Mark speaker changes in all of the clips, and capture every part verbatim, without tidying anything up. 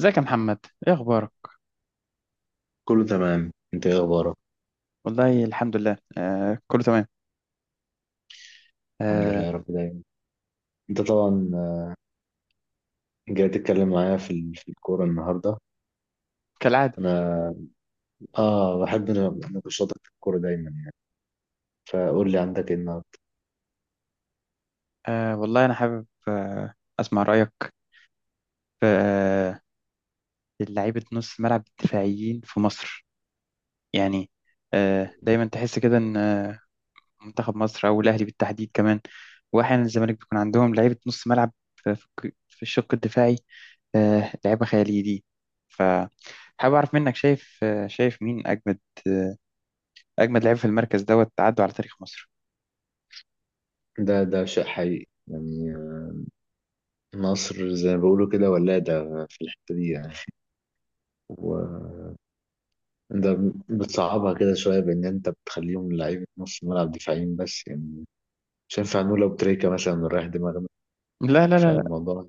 Speaker 1: ازيك يا محمد، ايه اخبارك؟
Speaker 2: كله تمام، انت ايه اخبارك؟
Speaker 1: والله الحمد لله، آه كله تمام.
Speaker 2: الحمد لله
Speaker 1: آه
Speaker 2: يا رب دايما. انت طبعا جاي تتكلم معايا في ال- في الكوره النهارده.
Speaker 1: كالعاده.
Speaker 2: انا اه بحب نقاشاتك في الكوره دايما يعني، فقول لي عندك ايه النهارده؟
Speaker 1: آه والله انا حابب آه اسمع رايك في آه لعيبه نص الملعب الدفاعيين في مصر. يعني آه دايما تحس كده ان آه، منتخب مصر او الاهلي بالتحديد كمان، واحيانا الزمالك، بيكون عندهم لعيبه نص ملعب في في في الشق الدفاعي. آه، لعيبه خياليه دي. فحابب اعرف منك، شايف آه شايف مين اجمد آه اجمد لعيب في المركز دوت عدوا على تاريخ مصر.
Speaker 2: ده ده شيء حقيقي يعني، آه، مصر زي ما بيقولوا كده ولاده في الحته دي يعني. وانت بتصعبها كده شويه، بان انت بتخليهم لعيبه نص ملعب دفاعيين بس يعني. مش هينفع نقول لو تريكه مثلا رايح دماغنا.
Speaker 1: لا لا لا.
Speaker 2: فالموضوع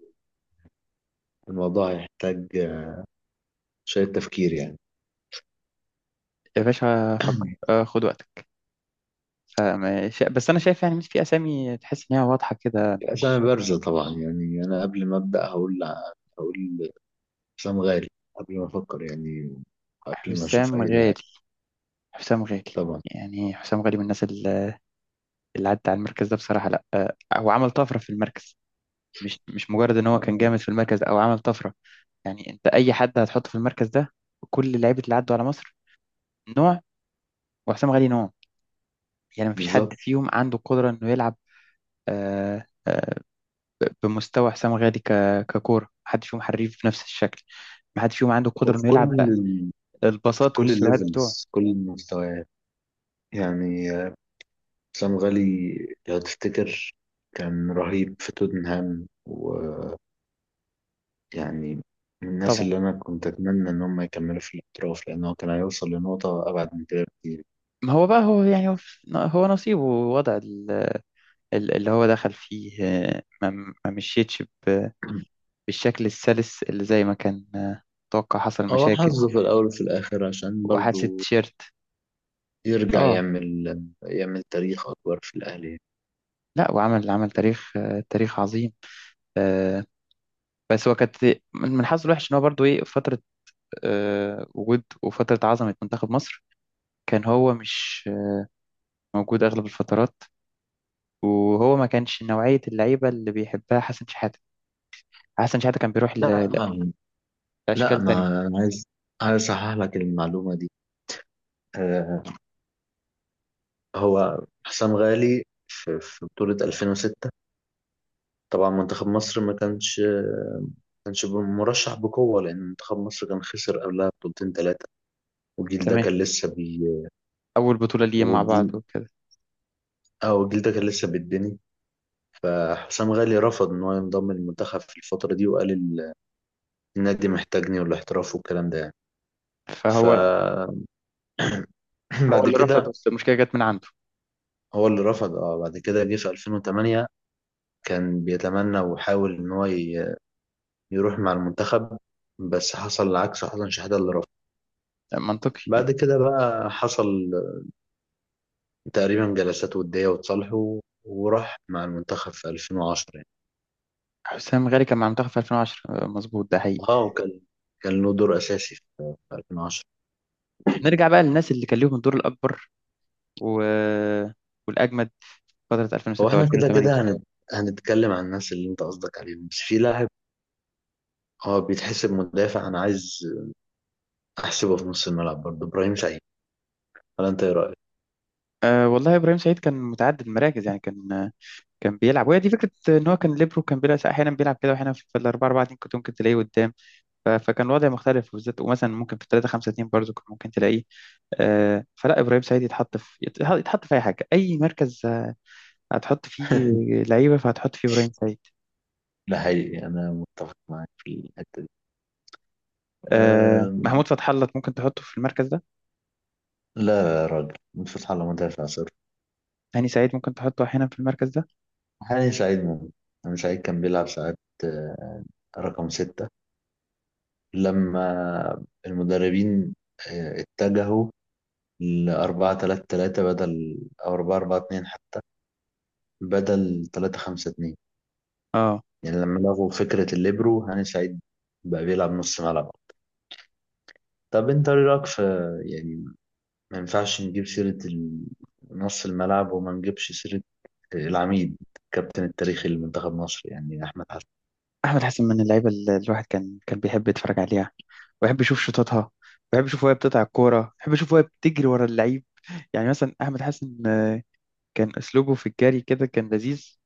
Speaker 2: الموضوع هيحتاج شويه تفكير يعني.
Speaker 1: يا باشا فكر، آه خد وقتك. فما- شا- بس انا شايف يعني، مش في اسامي تحس ان هي واضحه كده، مش؟
Speaker 2: أسامي بارزة طبعا يعني. أنا قبل ما أبدأ هقول، هقول حسام غالي، قبل ما أفكر يعني، قبل ما أشوف
Speaker 1: حسام
Speaker 2: أي
Speaker 1: غالي.
Speaker 2: لاعب.
Speaker 1: حسام غالي.
Speaker 2: طبعا.
Speaker 1: يعني حسام غالي من الناس ال- اللي عدت على المركز ده بصراحه، لا آه هو عمل طفره في المركز. مش مش مجرد ان هو كان
Speaker 2: آه،
Speaker 1: جامد في المركز او عمل طفره. يعني انت اي حد هتحطه في المركز ده، كل اللعيبه اللي عدوا على مصر نوع، وحسام غالي نوع. يعني مفيش حد
Speaker 2: بالظبط.
Speaker 1: فيهم عنده قدره انه يلعب آه، آه، بمستوى حسام غالي. ك- ككوره، محدش فيهم حريف بنفس الشكل، محدش فيهم عنده القدره
Speaker 2: وفي
Speaker 1: انه
Speaker 2: كل
Speaker 1: يلعب بقى
Speaker 2: ال... في
Speaker 1: الباصات
Speaker 2: كل
Speaker 1: والسرعات بتوعه.
Speaker 2: الليفلز، كل المستويات يعني، آه، حسام غالي لو تفتكر كان رهيب في توتنهام، ويعني من الناس
Speaker 1: طبعا.
Speaker 2: اللي أنا كنت أتمنى إن هم يكملوا في الاحتراف، لأن هو كان هيوصل لنقطة أبعد من كده بكتير.
Speaker 1: ما هو بقى، هو يعني هو في- هو نصيبه، ووضع ال- ال- اللي هو دخل فيه آه، ما ما مشيتش ب- بالشكل السلس اللي زي ما كان آه، متوقع، حصل
Speaker 2: هو
Speaker 1: مشاكل.
Speaker 2: حظه في الأول وفي الآخر عشان
Speaker 1: وحادثة
Speaker 2: برضو
Speaker 1: تيشيرت.
Speaker 2: يرجع
Speaker 1: اه.
Speaker 2: يعمل يعمل تاريخ أكبر في الأهلي.
Speaker 1: لا، وعمل عمل تاريخ آه، تاريخ عظيم. آه، بس هو كانت من من حظه الوحش ان هو برضه ايه، فترة آه، وجود وفترة عظمة منتخب مصر، كان هو مش موجود اغلب الفترات. وهو ما كانش نوعية اللعيبة اللي بيحبها حسن شحاتة. حسن شحاتة كان بيروح
Speaker 2: لا،
Speaker 1: ل-
Speaker 2: آه، لا،
Speaker 1: لأشكال تانية.
Speaker 2: ما أنا عايز، عايز أصحح لك المعلومة دي. آه، هو حسام غالي في في بطولة ألفين وستة طبعا منتخب مصر ما كانش، كانش مرشح بقوة، لأن منتخب مصر كان خسر قبلها بطولتين ثلاثة، والجيل ده
Speaker 1: تمام.
Speaker 2: كان لسه بي
Speaker 1: أول بطولة ليهم مع بعض
Speaker 2: والجيل
Speaker 1: وكده.
Speaker 2: اه والجيل ده كان لسه بيتبني. فحسام غالي رفض إن هو ينضم للمنتخب في الفترة دي، وقال ال- النادي محتاجني والاحتراف والكلام ده يعني. ف
Speaker 1: فهو هو
Speaker 2: بعد
Speaker 1: اللي رفض،
Speaker 2: كده
Speaker 1: بس المشكلة جت من عنده.
Speaker 2: هو اللي رفض. اه بعد كده جه في ألفين وثمانية كان بيتمنى وحاول ان هو ي- يروح مع المنتخب، بس حصل العكس، حسن شحاتة اللي رفض.
Speaker 1: منطقي يعني.
Speaker 2: بعد كده بقى حصل تقريبا جلسات ودية وتصالحوا، وراح مع المنتخب في ألفين وعشرة يعني.
Speaker 1: حسام غالي كان مع المنتخب في ألفين وعشرة، آه، مظبوط، ده حقيقي.
Speaker 2: اه وكان كان له دور اساسي في في ألفين وعشرة.
Speaker 1: نرجع بقى للناس اللي كان ليهم الدور الأكبر و... والأجمد فترة
Speaker 2: هو
Speaker 1: ألفين وستة
Speaker 2: احنا كده
Speaker 1: و2008.
Speaker 2: كده هنت... هنتكلم عن الناس اللي انت قصدك عليهم، بس في لاعب هو بيتحسب مدافع، انا عايز احسبه في نص الملعب برضه، ابراهيم سعيد. ولا انت ايه رايك؟
Speaker 1: أه والله إبراهيم سعيد كان متعدد المراكز، يعني كان آه، كان بيلعب، وهي دي فكرة إن هو كان ليبرو. كان بيلعب أحيانا، بيلعب كده، وأحيانا في الأربعة أربعة اتنين كنت ممكن تلاقيه قدام. ف- فكان الوضع مختلف، وبالذات ومثلا ممكن في تلاتة خمسة اتنين برضه كنت ممكن تلاقيه. آه، فلا، ابراهيم سعيد يتحط في يتح- يتحط في اي حاجه، اي مركز آه، هتحط فيه لعيبه، فهتحط فيه ابراهيم سعيد.
Speaker 2: ده حقيقي، أنا متفق معاك في الحتة دي.
Speaker 1: آه،
Speaker 2: أم...
Speaker 1: محمود فتح الله ممكن تحطه في المركز ده.
Speaker 2: لا يا راجل، فتحي الله مدافع صفر.
Speaker 1: هاني سعيد ممكن تحطه احيانا في المركز ده.
Speaker 2: حاليا سعيد ممكن. أنا سعيد كان بيلعب ساعات آه، رقم ستة لما المدربين آه، اتجهوا لأربعة تلاتة تلاتة، بدل أو أربعة أربعة اتنين حتى، بدل تلاتة خمسة اتنين
Speaker 1: اه،
Speaker 2: يعني. لما لغوا فكرة الليبرو، هاني سعيد بقى بيلعب نص ملعب. طب أنت إيه رأيك في، يعني ما ينفعش نجيب سيرة ال- نص الملعب وما نجيبش سيرة العميد، الكابتن التاريخي لمنتخب مصر يعني، أحمد حسن.
Speaker 1: احمد حسن من اللعيبه اللي الواحد كان كان بيحب يتفرج عليها، ويحب يشوف شوطاتها، ويحب يشوف وهي بتقطع الكوره، ويحب يشوف وهي بتجري ورا اللعيب. يعني مثلا احمد حسن آه، كان اسلوبه في الجري كده كان لذيذ.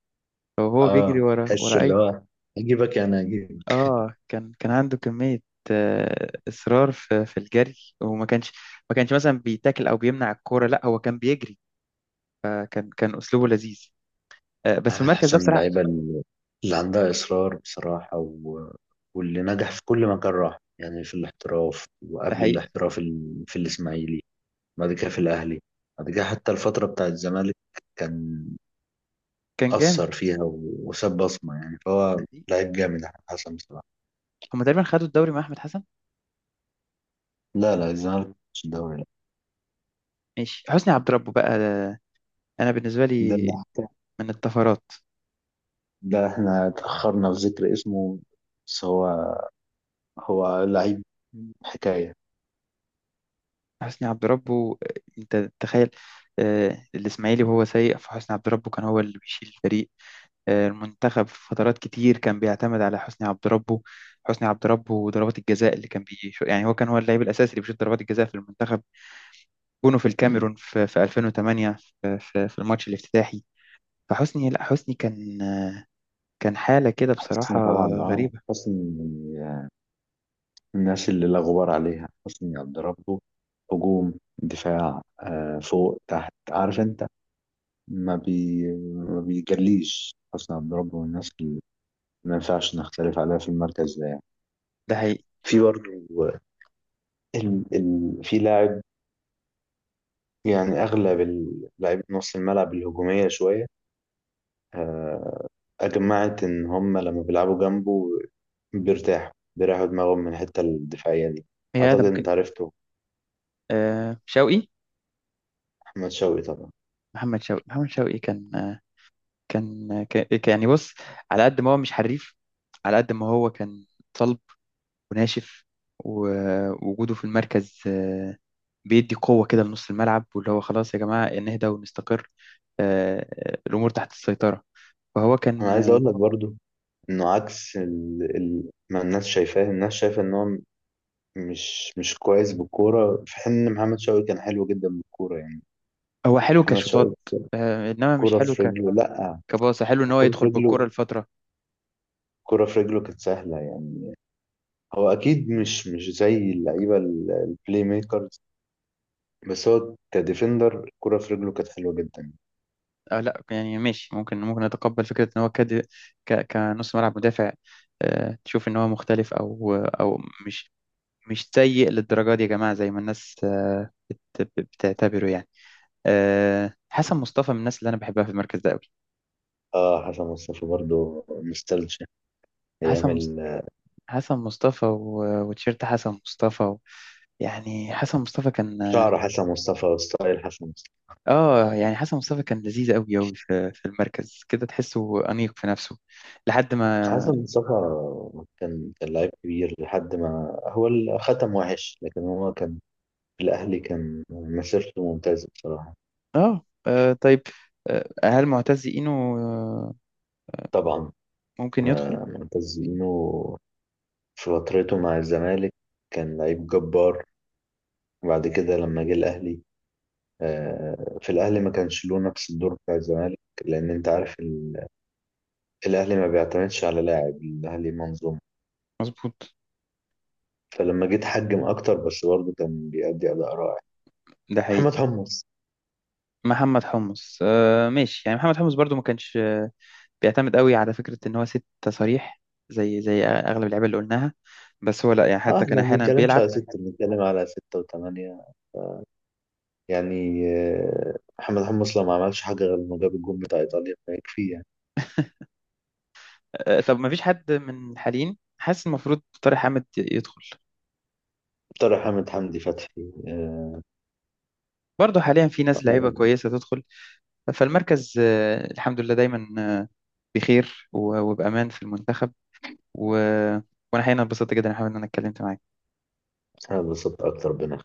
Speaker 1: وهو بيجري
Speaker 2: آه،
Speaker 1: ورا
Speaker 2: تحس
Speaker 1: ورا
Speaker 2: اللي
Speaker 1: اي.
Speaker 2: هو، أجيبك يعني، أجيبك.
Speaker 1: اه، كان كان عنده كمية آه، إصرار في في الجري. وما كانش ما كانش مثلا بيتاكل أو بيمنع الكورة، لا هو كان بيجري. فكان كان أسلوبه لذيذ آه، بس في
Speaker 2: أحمد
Speaker 1: المركز ده
Speaker 2: حسن من
Speaker 1: بصراحة.
Speaker 2: اللعيبة اللي اللي عندها إصرار بصراحة، و... واللي نجح في كل مكان راح يعني، في الاحتراف
Speaker 1: ده
Speaker 2: وقبل
Speaker 1: حقيقي.
Speaker 2: الاحتراف، ال- في الإسماعيلي، بعد كده في الأهلي، بعد كده حتى الفترة بتاعة الزمالك كان
Speaker 1: كان جامد.
Speaker 2: أثر فيها، و... وساب بصمة يعني.
Speaker 1: ده
Speaker 2: فهو
Speaker 1: حقيقي.
Speaker 2: لعيب جامد أحمد حسن بصراحة.
Speaker 1: هما تقريبا خدوا الدوري مع أحمد حسن.
Speaker 2: لا لا، الزمالك مش الدوري، لا.
Speaker 1: ماشي. حسني عبد ربه بقى، آه، أنا بالنسبة
Speaker 2: ده
Speaker 1: لي
Speaker 2: اللي حكى،
Speaker 1: من الطفرات.
Speaker 2: ده احنا اتأخرنا في ذكر اسمه، بس هو هو لعيب حكاية.
Speaker 1: حسني عبد ربه، آه، أنت تخيل، آه، الإسماعيلي وهو سيء، فحسني عبد ربه كان هو اللي بيشيل الفريق. المنتخب في فترات كتير كان بيعتمد على حسني عبد ربه. حسني عبد ربه وضربات الجزاء اللي كان بيش، يعني هو كان هو اللاعب الاساسي اللي بيشوط ضربات الجزاء في المنتخب. جونه في الكاميرون في, في ألفين وثمانية، في, في, في الماتش الافتتاحي. فحسني لا حسني كان، كان حالة كده بصراحة
Speaker 2: حسني طبعا. اه
Speaker 1: غريبة.
Speaker 2: حسني من الناس اللي لا غبار عليها. حسني عبد ربه هجوم دفاع، آه فوق تحت، عارف انت. ما بي ما بيجليش. حسني عبد ربه من الناس اللي ما ينفعش نختلف عليها في المركز ده يعني.
Speaker 1: ده حقيقي.
Speaker 2: في برضه ال... ال... في لاعب يعني، أغلب اللاعبين نص الملعب الهجومية شوية، آه، أجمعت إن هم لما بيلعبوا جنبه بيرتاحوا، بيريحوا دماغهم من الحتة الدفاعية دي.
Speaker 1: هي ده
Speaker 2: أعتقد
Speaker 1: ممكن.
Speaker 2: أنت عرفته،
Speaker 1: آه، شوقي.
Speaker 2: أحمد شوقي طبعا.
Speaker 1: محمد شوقي. محمد شوقي كان آه كان كان يعني بص، على قد ما هو مش حريف، على قد ما هو كان صلب وناشف. ووجوده في المركز آه، بيدي قوة كده لنص الملعب، واللي هو خلاص يا جماعة نهدى ونستقر. آه، آه، الأمور تحت السيطرة. فهو
Speaker 2: أنا
Speaker 1: كان
Speaker 2: عايز
Speaker 1: آه،
Speaker 2: أقول لك برضو إنه عكس ال... ال... ما الناس شايفاه. الناس شايفة إن هو مش مش كويس بالكورة، في حين إن محمد شوقي كان حلو جدا بالكورة يعني.
Speaker 1: هو حلو
Speaker 2: محمد
Speaker 1: كشوطات
Speaker 2: شوقي،
Speaker 1: آه، إنما مش
Speaker 2: كورة
Speaker 1: حلو
Speaker 2: في
Speaker 1: ك
Speaker 2: رجله لأ،
Speaker 1: كباصة. حلو إن هو
Speaker 2: الكورة
Speaker 1: يدخل
Speaker 2: في رجله،
Speaker 1: بالكرة لفترة.
Speaker 2: الكورة في رجله كانت سهلة يعني. هو اكيد مش مش زي اللعيبه ال- البلاي ميكرز، بس هو كديفندر الكرة في رجله كانت حلوه جدا.
Speaker 1: آه لا، يعني ماشي، ممكن ممكن أتقبل فكرة إن هو كد ك... كنص ملعب مدافع آه، تشوف إن هو مختلف، أو أو مش مش سيء للدرجة دي يا جماعة زي ما الناس آه، بت... بتعتبره. يعني آه، حسن مصطفى من الناس اللي أنا بحبها في المركز ده أوي.
Speaker 2: اه حسن مصطفى برضو نوستالجيا ايام
Speaker 1: حسن،
Speaker 2: ال-
Speaker 1: حسن مصطفى و- وتيشيرت حسن مصطفى و... يعني حسن مصطفى كان.
Speaker 2: شعر حسن مصطفى وستايل حسن مصطفى.
Speaker 1: اه آه، يعني حسن مصطفى كان لذيذ قوي قوي في... في المركز كده، تحسه أنيق في نفسه لحد ما.
Speaker 2: حسن مصطفى كان، كان لعيب كبير. لحد ما هو ال- ختم وحش، لكن هو كان في الاهلي كان مسيرته ممتازه بصراحه.
Speaker 1: اه، آه، طيب آه، هل معتز إينو آه،
Speaker 2: طبعا.
Speaker 1: ممكن يدخل؟
Speaker 2: آه، معتز اينو في فترته مع الزمالك كان لعيب جبار، وبعد كده لما جه الاهلي، آه، في الأهلي ما كانش له نفس الدور بتاع الزمالك، لأن أنت عارف ال- الأهلي ما بيعتمدش على لاعب، الأهلي منظومة.
Speaker 1: مظبوط.
Speaker 2: فلما جيت حجم أكتر، بس برضه كان بيأدي أداء رائع.
Speaker 1: ده حقيقي.
Speaker 2: محمد حمص.
Speaker 1: محمد حمص. آه ماشي، يعني محمد حمص برضو ما كانش آه، بيعتمد قوي على فكرة ان هو ست صريح، زي زي اغلب اللعيبه اللي قلناها. بس هو لا، يعني
Speaker 2: اه
Speaker 1: حتى
Speaker 2: احنا
Speaker 1: كان
Speaker 2: ما
Speaker 1: احيانا
Speaker 2: بنتكلمش
Speaker 1: بيلعب
Speaker 2: على ستة، بنتكلم على ستة وثمانية يعني. آه، محمد حمص لو ما عملش حاجة غير انه جاب الجون بتاع ايطاليا فيكفي يعني.
Speaker 1: آه، طب ما فيش حد من الحاليين؟ حاسس المفروض طارق حامد يدخل.
Speaker 2: طارق حامد، حمدي فتحي، آه،
Speaker 1: برضه حاليا في ناس لعيبة
Speaker 2: آه،
Speaker 1: كويسة تدخل. فالمركز آه، الحمد لله دايما آه، بخير و- وبأمان في المنتخب و... وأنا حقيقة انبسطت جدا يا حمد إن أنا اتكلمت معاك.
Speaker 2: انا اتبسطت اكتر بنا.